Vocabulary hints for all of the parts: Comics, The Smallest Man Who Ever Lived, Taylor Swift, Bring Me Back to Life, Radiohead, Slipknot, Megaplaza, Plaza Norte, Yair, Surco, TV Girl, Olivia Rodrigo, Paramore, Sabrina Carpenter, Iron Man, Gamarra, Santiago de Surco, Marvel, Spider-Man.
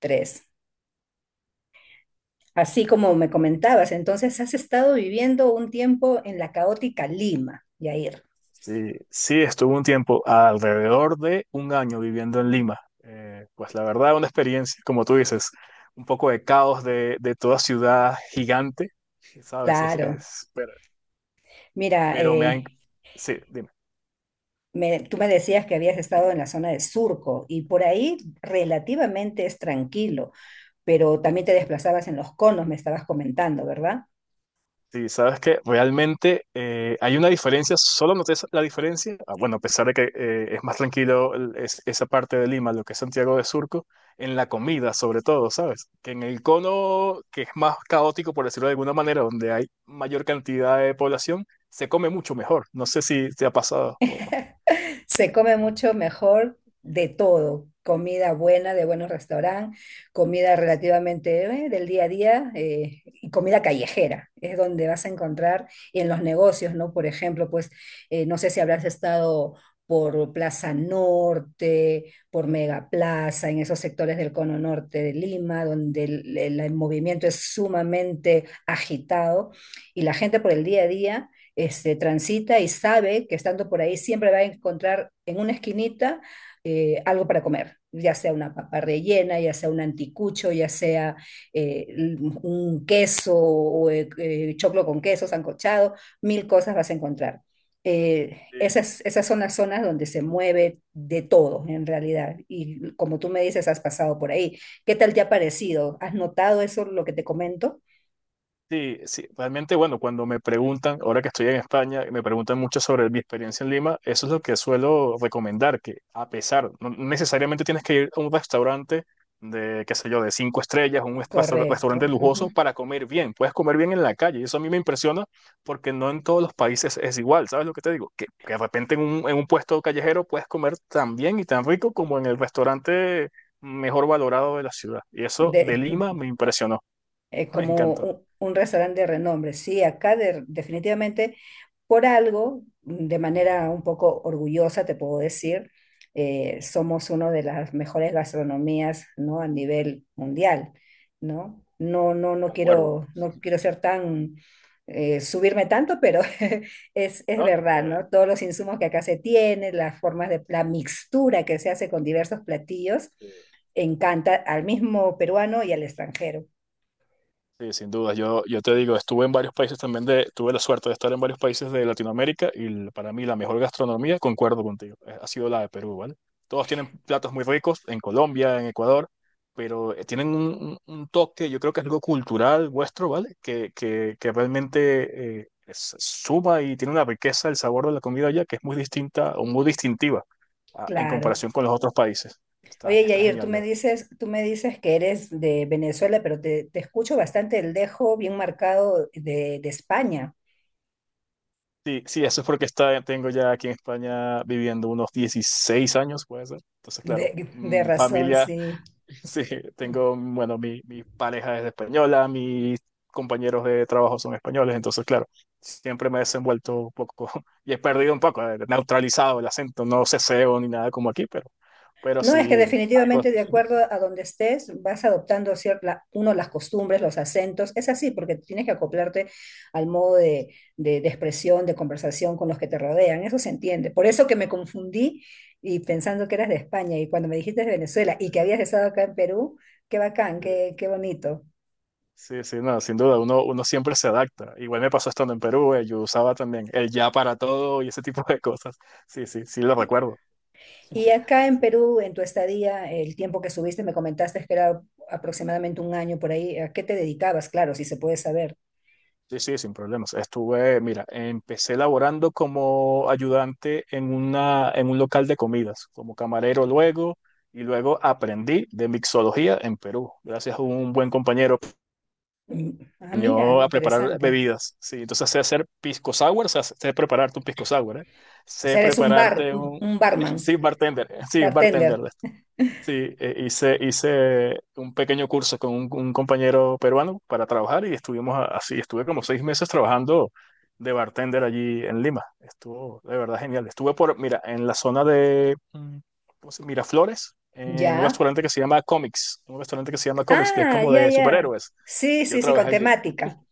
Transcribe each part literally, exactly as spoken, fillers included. Tres. Así como me comentabas, entonces has estado viviendo un tiempo en la caótica Lima, Yair. Sí, sí, estuve un tiempo, alrededor de un año viviendo en Lima. Eh, pues la verdad, una experiencia, como tú dices, un poco de caos de, de toda ciudad gigante, ¿sabes? Es, Claro. es- pero, Mira, pero me han... eh, Sí, dime. me- tú me decías que habías estado en la zona de Surco y por ahí relativamente es tranquilo, pero también te desplazabas en los conos, me estabas comentando, ¿verdad? Sí, sabes que realmente eh, hay una diferencia, solo noté esa- la diferencia, ah, bueno, a pesar de que eh, es más tranquilo el- es- esa parte de Lima, lo que es Santiago de Surco, en la comida sobre todo, ¿sabes? Que en el cono, que es más caótico, por decirlo de alguna manera, donde hay mayor cantidad de población, se come mucho mejor. No sé si te ha pasado. Se come mucho mejor de todo, comida buena, de buenos restaurantes, comida relativamente eh, del día a día eh, y comida callejera, es donde vas a encontrar y en los negocios, ¿no? Por ejemplo, pues eh, no sé si habrás estado por Plaza Norte, por Megaplaza, en esos sectores del cono norte de Lima, donde el, el- el movimiento es sumamente agitado y la gente por el día a día este, transita y sabe que estando por ahí siempre va a encontrar en una esquinita eh, algo para comer, ya sea una papa rellena, ya sea un anticucho, ya sea eh, un queso o eh, eh, choclo con queso, sancochado, mil cosas vas a encontrar. Eh, esas, esas son las zonas donde se mueve de todo en realidad. Y como tú me dices, has pasado por ahí. ¿Qué tal te ha parecido? ¿Has notado eso, lo que te comento? Sí, sí, realmente, bueno, cuando me preguntan, ahora que estoy en España, me preguntan mucho sobre mi experiencia en Lima, eso es lo que suelo recomendar, que a pesar, no necesariamente tienes que ir a un restaurante de, qué sé yo, de cinco estrellas, un restaur- Correcto. restaurante Ujú. lujoso para comer bien, puedes comer bien en la calle, y eso a mí me impresiona porque no en todos los países es igual, ¿sabes lo que te digo? Que, que de repente en un, en un puesto callejero puedes comer tan bien y tan rico como en el restaurante mejor valorado de la ciudad, y eso De, de Lima me impresionó, eh, me como encantó, un, un restaurante de renombre. Sí, acá de- definitivamente por algo, mm, de manera un poco orgullosa, te puedo decir, eh, somos una de las mejores gastronomías, ¿no? A nivel mundial, ¿no? No, no, no concuerdo. quiero, no quiero ser tan, eh, subirme tanto, pero es, es No, verdad, eh, ¿no? Todos los insumos que acá se tienen, las formas de, la mixtura que se hace con diversos platillos, sí, encanta al mismo peruano y al extranjero. sí, sin duda. Yo, yo te digo, estuve en varios países también de, tuve la suerte de estar en varios países de Latinoamérica y l- para mí la mejor gastronomía, concuerdo contigo, eh, ha sido la de Perú, ¿vale? Todos tienen platos muy ricos en Colombia, en Ecuador, pero eh, tienen un, un- un toque, yo creo que es algo cultural vuestro, ¿vale? Que, que, que realmente eh, es- suma y tiene una riqueza el sabor de la comida allá que es muy distinta o muy distintiva a- en Claro. comparación con los otros países. Está, Oye, está Yair, tú me genial. dices, tú me dices que eres de Venezuela, pero te, te escucho bastante el dejo bien marcado de, de España. Sí, sí, eso es porque está, tengo ya aquí en España viviendo unos dieciséis años, puede ser. Entonces, claro, De, de mm, razón, familia. sí. Sí, tengo, bueno, mi, mi pareja es española, mis compañeros de trabajo son españoles, entonces, claro, siempre me he desenvuelto un poco y he perdido un poco, eh, neutralizado el acento, no ceseo ni nada como aquí, pero, pero No, es que sí, algo. definitivamente de acuerdo a donde estés, vas adoptando cierta, uno las costumbres, los acentos. Es así, porque tienes que acoplarte al modo de, de- de expresión, de conversación con los que te rodean. Eso se entiende. Por eso que me confundí y pensando que eras de España y cuando me dijiste de Venezuela y que habías estado acá en Perú, qué bacán, Sí, qué, qué bonito. sí, sí, no, sin duda, uno, uno siempre se adapta. Igual me pasó estando en Perú, eh, yo usaba también el ya para todo y ese tipo de cosas. Sí, sí, sí, lo recuerdo. Y acá en Perú, en tu estadía, el tiempo que subiste, me comentaste que era aproximadamente un año por ahí. ¿A qué te dedicabas? Claro, si se puede saber. Sí, sí, sin problemas. Estuve, mira, empecé laborando como ayudante en una, en un local de comidas, como camarero luego, y luego aprendí de mixología en Perú, gracias a un buen compañero que Mm. Ah, me mira, enseñó a preparar interesante. bebidas. Sí, entonces sé hacer pisco sour, sé, sé prepararte un pisco sour, ¿eh? O Sé sea, eres un bar, prepararte un un... un barman, Sí, bartender, sí, bartender. bartender. Sí, eh, hice, hice un pequeño curso con un, un compañero peruano para trabajar y estuvimos a- así, estuve como seis meses trabajando de bartender allí en Lima. Estuvo de verdad genial. Estuve por, mira, en la zona de mm, ¿cómo se- Miraflores, en un Ya. restaurante que se llama Comics, un restaurante que se llama Comics, que es Ah, como ya, de ya. superhéroes. Sí, Yo sí, sí, con trabajé allí. temática.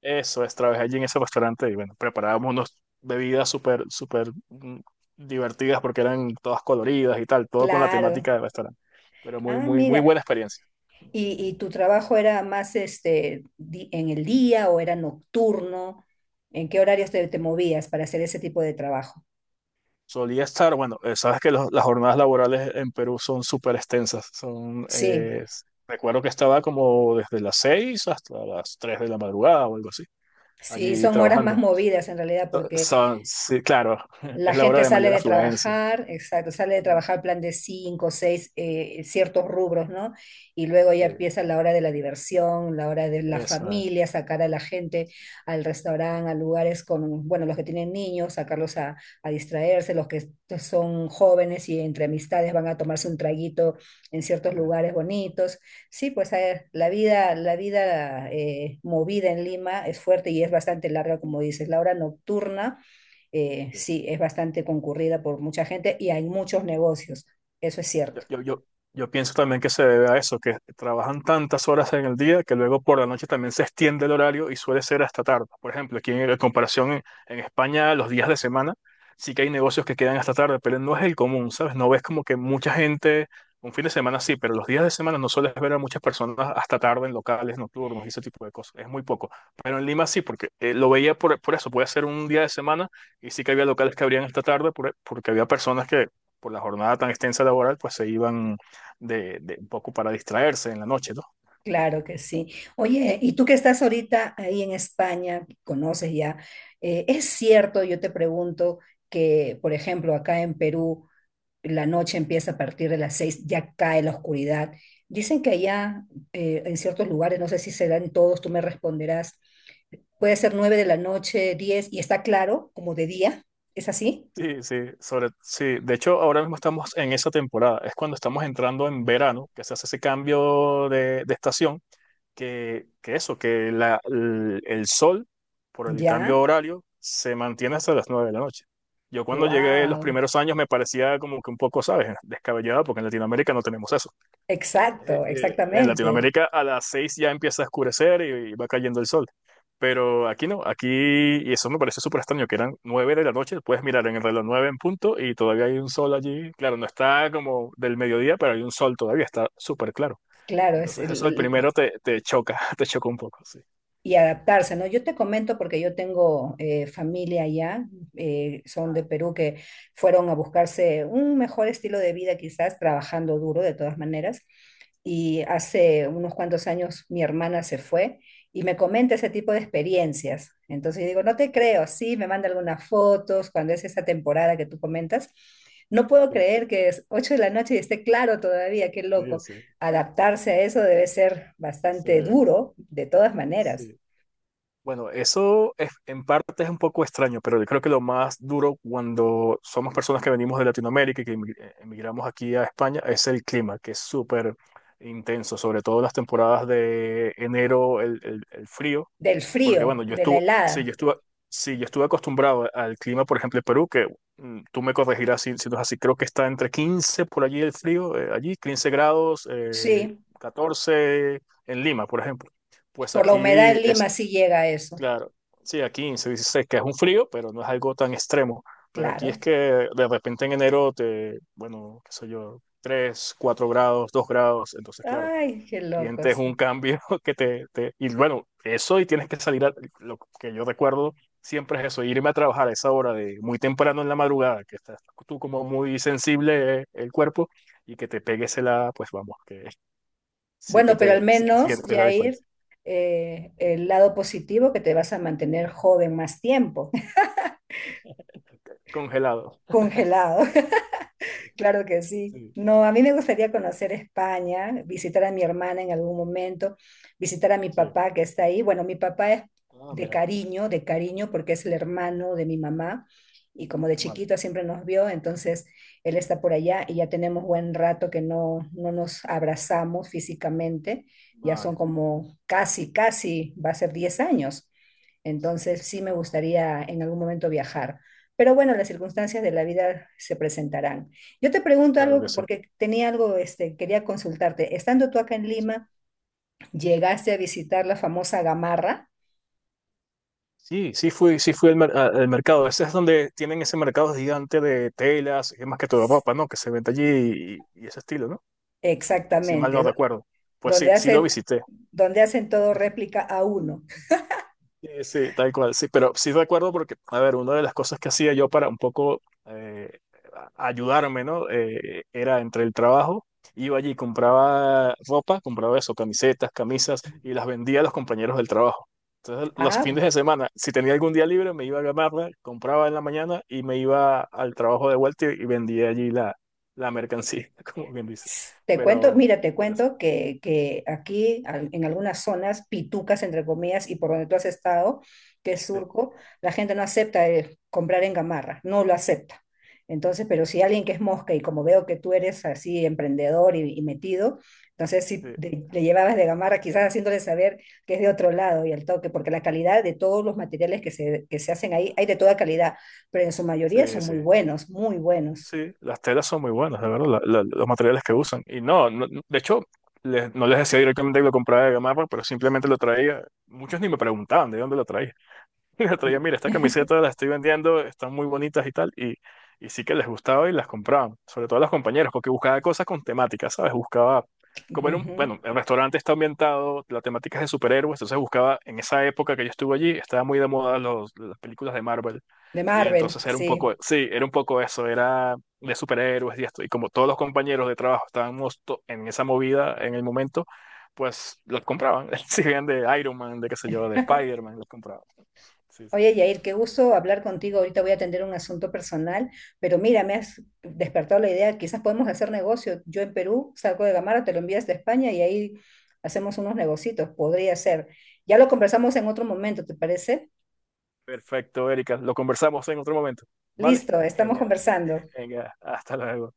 Eso es, trabajé allí en ese restaurante y bueno, preparábamos unas bebidas súper, súper mm, divertidas porque eran todas coloridas y tal, todo con la Claro. temática del restaurante. Pero muy, Ah, muy, muy mira. buena experiencia. ¿Y, y tu trabajo era más este di- en el día o era nocturno? ¿En qué horarios te, te movías para hacer ese tipo de trabajo? Solía estar, bueno, eh, sabes que los- las jornadas laborales en Perú son súper extensas. Son, Sí. eh, s- recuerdo que estaba como desde las seis hasta las tres de la madrugada o algo así, Sí, allí son horas más trabajando. movidas en realidad, porque Son, sí, claro, la es la hora gente de sale mayor de afluencia. trabajar, exacto, sale de Mm. trabajar plan de cinco, seis, eh, ciertos rubros, ¿no? Y luego ya Sí, empieza la hora de la diversión, la hora de la eso es. familia, sacar a la gente al restaurante, a lugares con, bueno, los que tienen niños, sacarlos a, a distraerse, los que son jóvenes y entre amistades van a tomarse un traguito en ciertos Sí, lugares bonitos. Sí, pues eh, la vida, la vida eh, movida en Lima es fuerte y es bastante larga, como dices, la hora nocturna eh, sí. sí, es bastante concurrida por mucha gente y hay muchos negocios, eso es Yo, cierto. yo, yo, yo pienso también que se debe a eso, que trabajan tantas horas en el día que luego por la noche también se extiende el horario y suele ser hasta tarde. Por ejemplo, aquí en, en comparación en, en España, los días de semana sí que hay negocios que quedan hasta tarde, pero no es el común, ¿sabes? No ves como que mucha gente, un fin de semana sí, pero los días de semana no sueles ver a muchas personas hasta tarde en locales nocturnos y ese tipo de cosas. Es muy poco. Pero en Lima sí, porque eh, lo veía por, por eso, puede ser un día de semana y sí que había locales que abrían hasta tarde por- porque había personas que por la jornada tan extensa laboral, pues se iban de, de un poco para distraerse en la noche, ¿no? Claro que sí. Oye, y tú que estás ahorita ahí en España, conoces ya, eh, ¿es cierto, yo te pregunto, que, por ejemplo, acá en Perú, la noche empieza a partir de las seis, ya cae la oscuridad? Dicen que allá, eh, en ciertos lugares, no sé si se dan todos, tú me responderás, puede ser nueve de la noche, diez, y está claro, como de día, ¿es así? Sí, sí, sobre, sí, de hecho ahora mismo estamos en esa temporada, es cuando estamos entrando en verano, que se hace ese cambio de, de estación, que, que eso, que la, el, el sol, por el cambio Ya, horario, se mantiene hasta las nueve de la noche. Yo cuando llegué los wow. primeros años me parecía como que un poco, ¿sabes? Descabellado, porque en Latinoamérica no tenemos eso. Exacto, eh, eh, en exactamente. Latinoamérica a las seis ya empieza a oscurecer y, y va cayendo el sol. Pero aquí no, aquí, y eso me parece súper extraño, que eran nueve de la noche, puedes mirar en el reloj nueve en punto y todavía hay un sol allí. Claro, no está como del mediodía, pero hay un sol todavía, está súper claro. Claro, es Entonces eso el el- primero te, te choca, te choca un poco, sí. y adaptarse, ¿no? Yo te comento porque yo tengo eh, familia allá, eh, son de Perú que fueron a buscarse un mejor estilo de vida, quizás trabajando duro de todas maneras, y hace unos cuantos años mi hermana se fue y me comenta ese tipo de experiencias. Entonces yo digo, no te creo, sí, me manda algunas fotos cuando es esa temporada que tú comentas. No puedo Sí, creer que es ocho de la noche y esté claro todavía, qué sí, loco. sí. Adaptarse a eso debe ser Sí, bastante duro, de todas maneras. sí. Bueno, eso es, en parte es un poco extraño, pero yo creo que lo más duro cuando somos personas que venimos de Latinoamérica y que emi- eh, emigramos aquí a España es el clima, que es súper intenso, sobre todo en las temporadas de enero, el, el- el frío, Del porque bueno, frío, yo de la estuve, sí, yo helada, estuve, sí, yo estuve acostumbrado al clima, por ejemplo, en Perú, que mm, tú me corregirás si, si no es así, creo que está entre quince por allí el frío, eh, allí quince grados, eh, sí. catorce en Lima, por ejemplo. Pues Por la aquí humedad en Lima es, sí llega a eso, claro, sí, aquí se dice que es un frío, pero no es algo tan extremo. Pero aquí es claro. que de repente en enero te, bueno, qué sé yo, tres, cuatro grados, dos grados, entonces claro, Ay, qué sientes locos. un cambio que te, te- y bueno, eso y tienes que salir, a- lo que yo recuerdo siempre es eso, irme a trabajar a esa hora de muy temprano en la madrugada, que estás tú como muy sensible eh, el cuerpo y que te pegues la, pues vamos, que sí que Bueno, pero al te sí- menos, sientes la Jair, diferencia. eh, Sí. el lado positivo que te vas a mantener joven más tiempo, Congelado. congelado. Claro que sí. Sí, No, a mí me gustaría conocer España, visitar a mi hermana en algún momento, visitar a mi sí. papá que está ahí. Bueno, mi papá es Ah, de mira. cariño, de cariño porque es el hermano de mi mamá y como de Vale, chiquito siempre nos vio, entonces él está por allá y ya tenemos buen rato que no, no nos abrazamos físicamente. Ya son vale. como casi, casi, va a ser diez años. Entonces sí me Wow. gustaría en algún momento viajar. Pero bueno, las circunstancias de la vida se presentarán. Yo te pregunto Claro algo que que- sí. porque tenía algo, este, quería consultarte. Estando tú acá en Lima, llegaste a visitar la famosa Gamarra, Sí, sí fui, sí fui al, mer- a- al mercado. Ese es donde tienen ese mercado gigante de telas, es más que todo ropa, ¿no? Que se vende allí y, y ese estilo, ¿no? Si mal no exactamente, do- recuerdo. Pues sí, donde sí lo hace, visité. donde hacen todo réplica a uno. Sí, sí, tal cual, sí, pero sí recuerdo porque, a ver, una de las cosas que hacía yo para un poco eh, a- ayudarme, ¿no? Eh, era entre el trabajo, iba allí, compraba ropa, compraba eso, camisetas, camisas, y las vendía a los compañeros del trabajo. Entonces, los Ah, fines de semana, si tenía algún día libre, me iba a ganarla, compraba en la mañana y me iba al trabajo de vuelta y, y vendía allí la, la mercancía, como bien dice. te cuento, Pero, mira, te pero sí, cuento que, que aquí al- en algunas zonas, pitucas entre comillas, y por donde tú has estado, que es sí, Surco, la gente no acepta eh, comprar en Gamarra, no lo acepta. Entonces, pero si alguien que es mosca y como veo que tú eres así emprendedor y, y metido, entonces si sí, te- le llevabas de Gamarra, quizás haciéndole saber que es de otro lado y al toque, porque la calidad de todos los materiales que se, que se hacen ahí, hay de toda calidad, pero en su mayoría sí. son Sí. muy buenos, muy buenos. Sí, las telas son muy buenas, de verdad, la- la- los materiales que usan. Y no, no- de hecho, les- no les decía directamente que lo compraba de Gamarra, pero simplemente lo traía. Muchos ni me preguntaban de dónde lo traía. Y el otro día, mira, esta camiseta la estoy vendiendo, están muy bonitas y tal, y, y sí que les gustaba y las compraban, sobre todo a los compañeros, porque buscaba cosas con temática, ¿sabes? Buscaba, como en un, Ujú. bueno, el restaurante está ambientado, la temática es de superhéroes, entonces buscaba, en esa época que yo estuve allí, estaba muy de moda los, las películas de Marvel, De y Marvel, entonces era un sí. poco, sí, era un poco eso, era de superhéroes y esto, y como todos los compañeros de trabajo estábamos to- en esa movida en el momento, pues los compraban, si bien de Iron Man, de qué sé yo, de Spider-Man, los compraban. Sí, sí. Oye, Yair, qué gusto hablar contigo. Ahorita voy a atender un asunto personal, pero mira, me has despertado la idea, quizás podemos hacer negocio. Yo en Perú salgo de Gamara, te lo envías de España y ahí hacemos unos negocitos, podría ser. Ya lo conversamos en otro momento, ¿te parece? Perfecto, Erika. Lo conversamos en otro momento. ¿Vale? Listo, estamos Genial. conversando. Venga, hasta luego.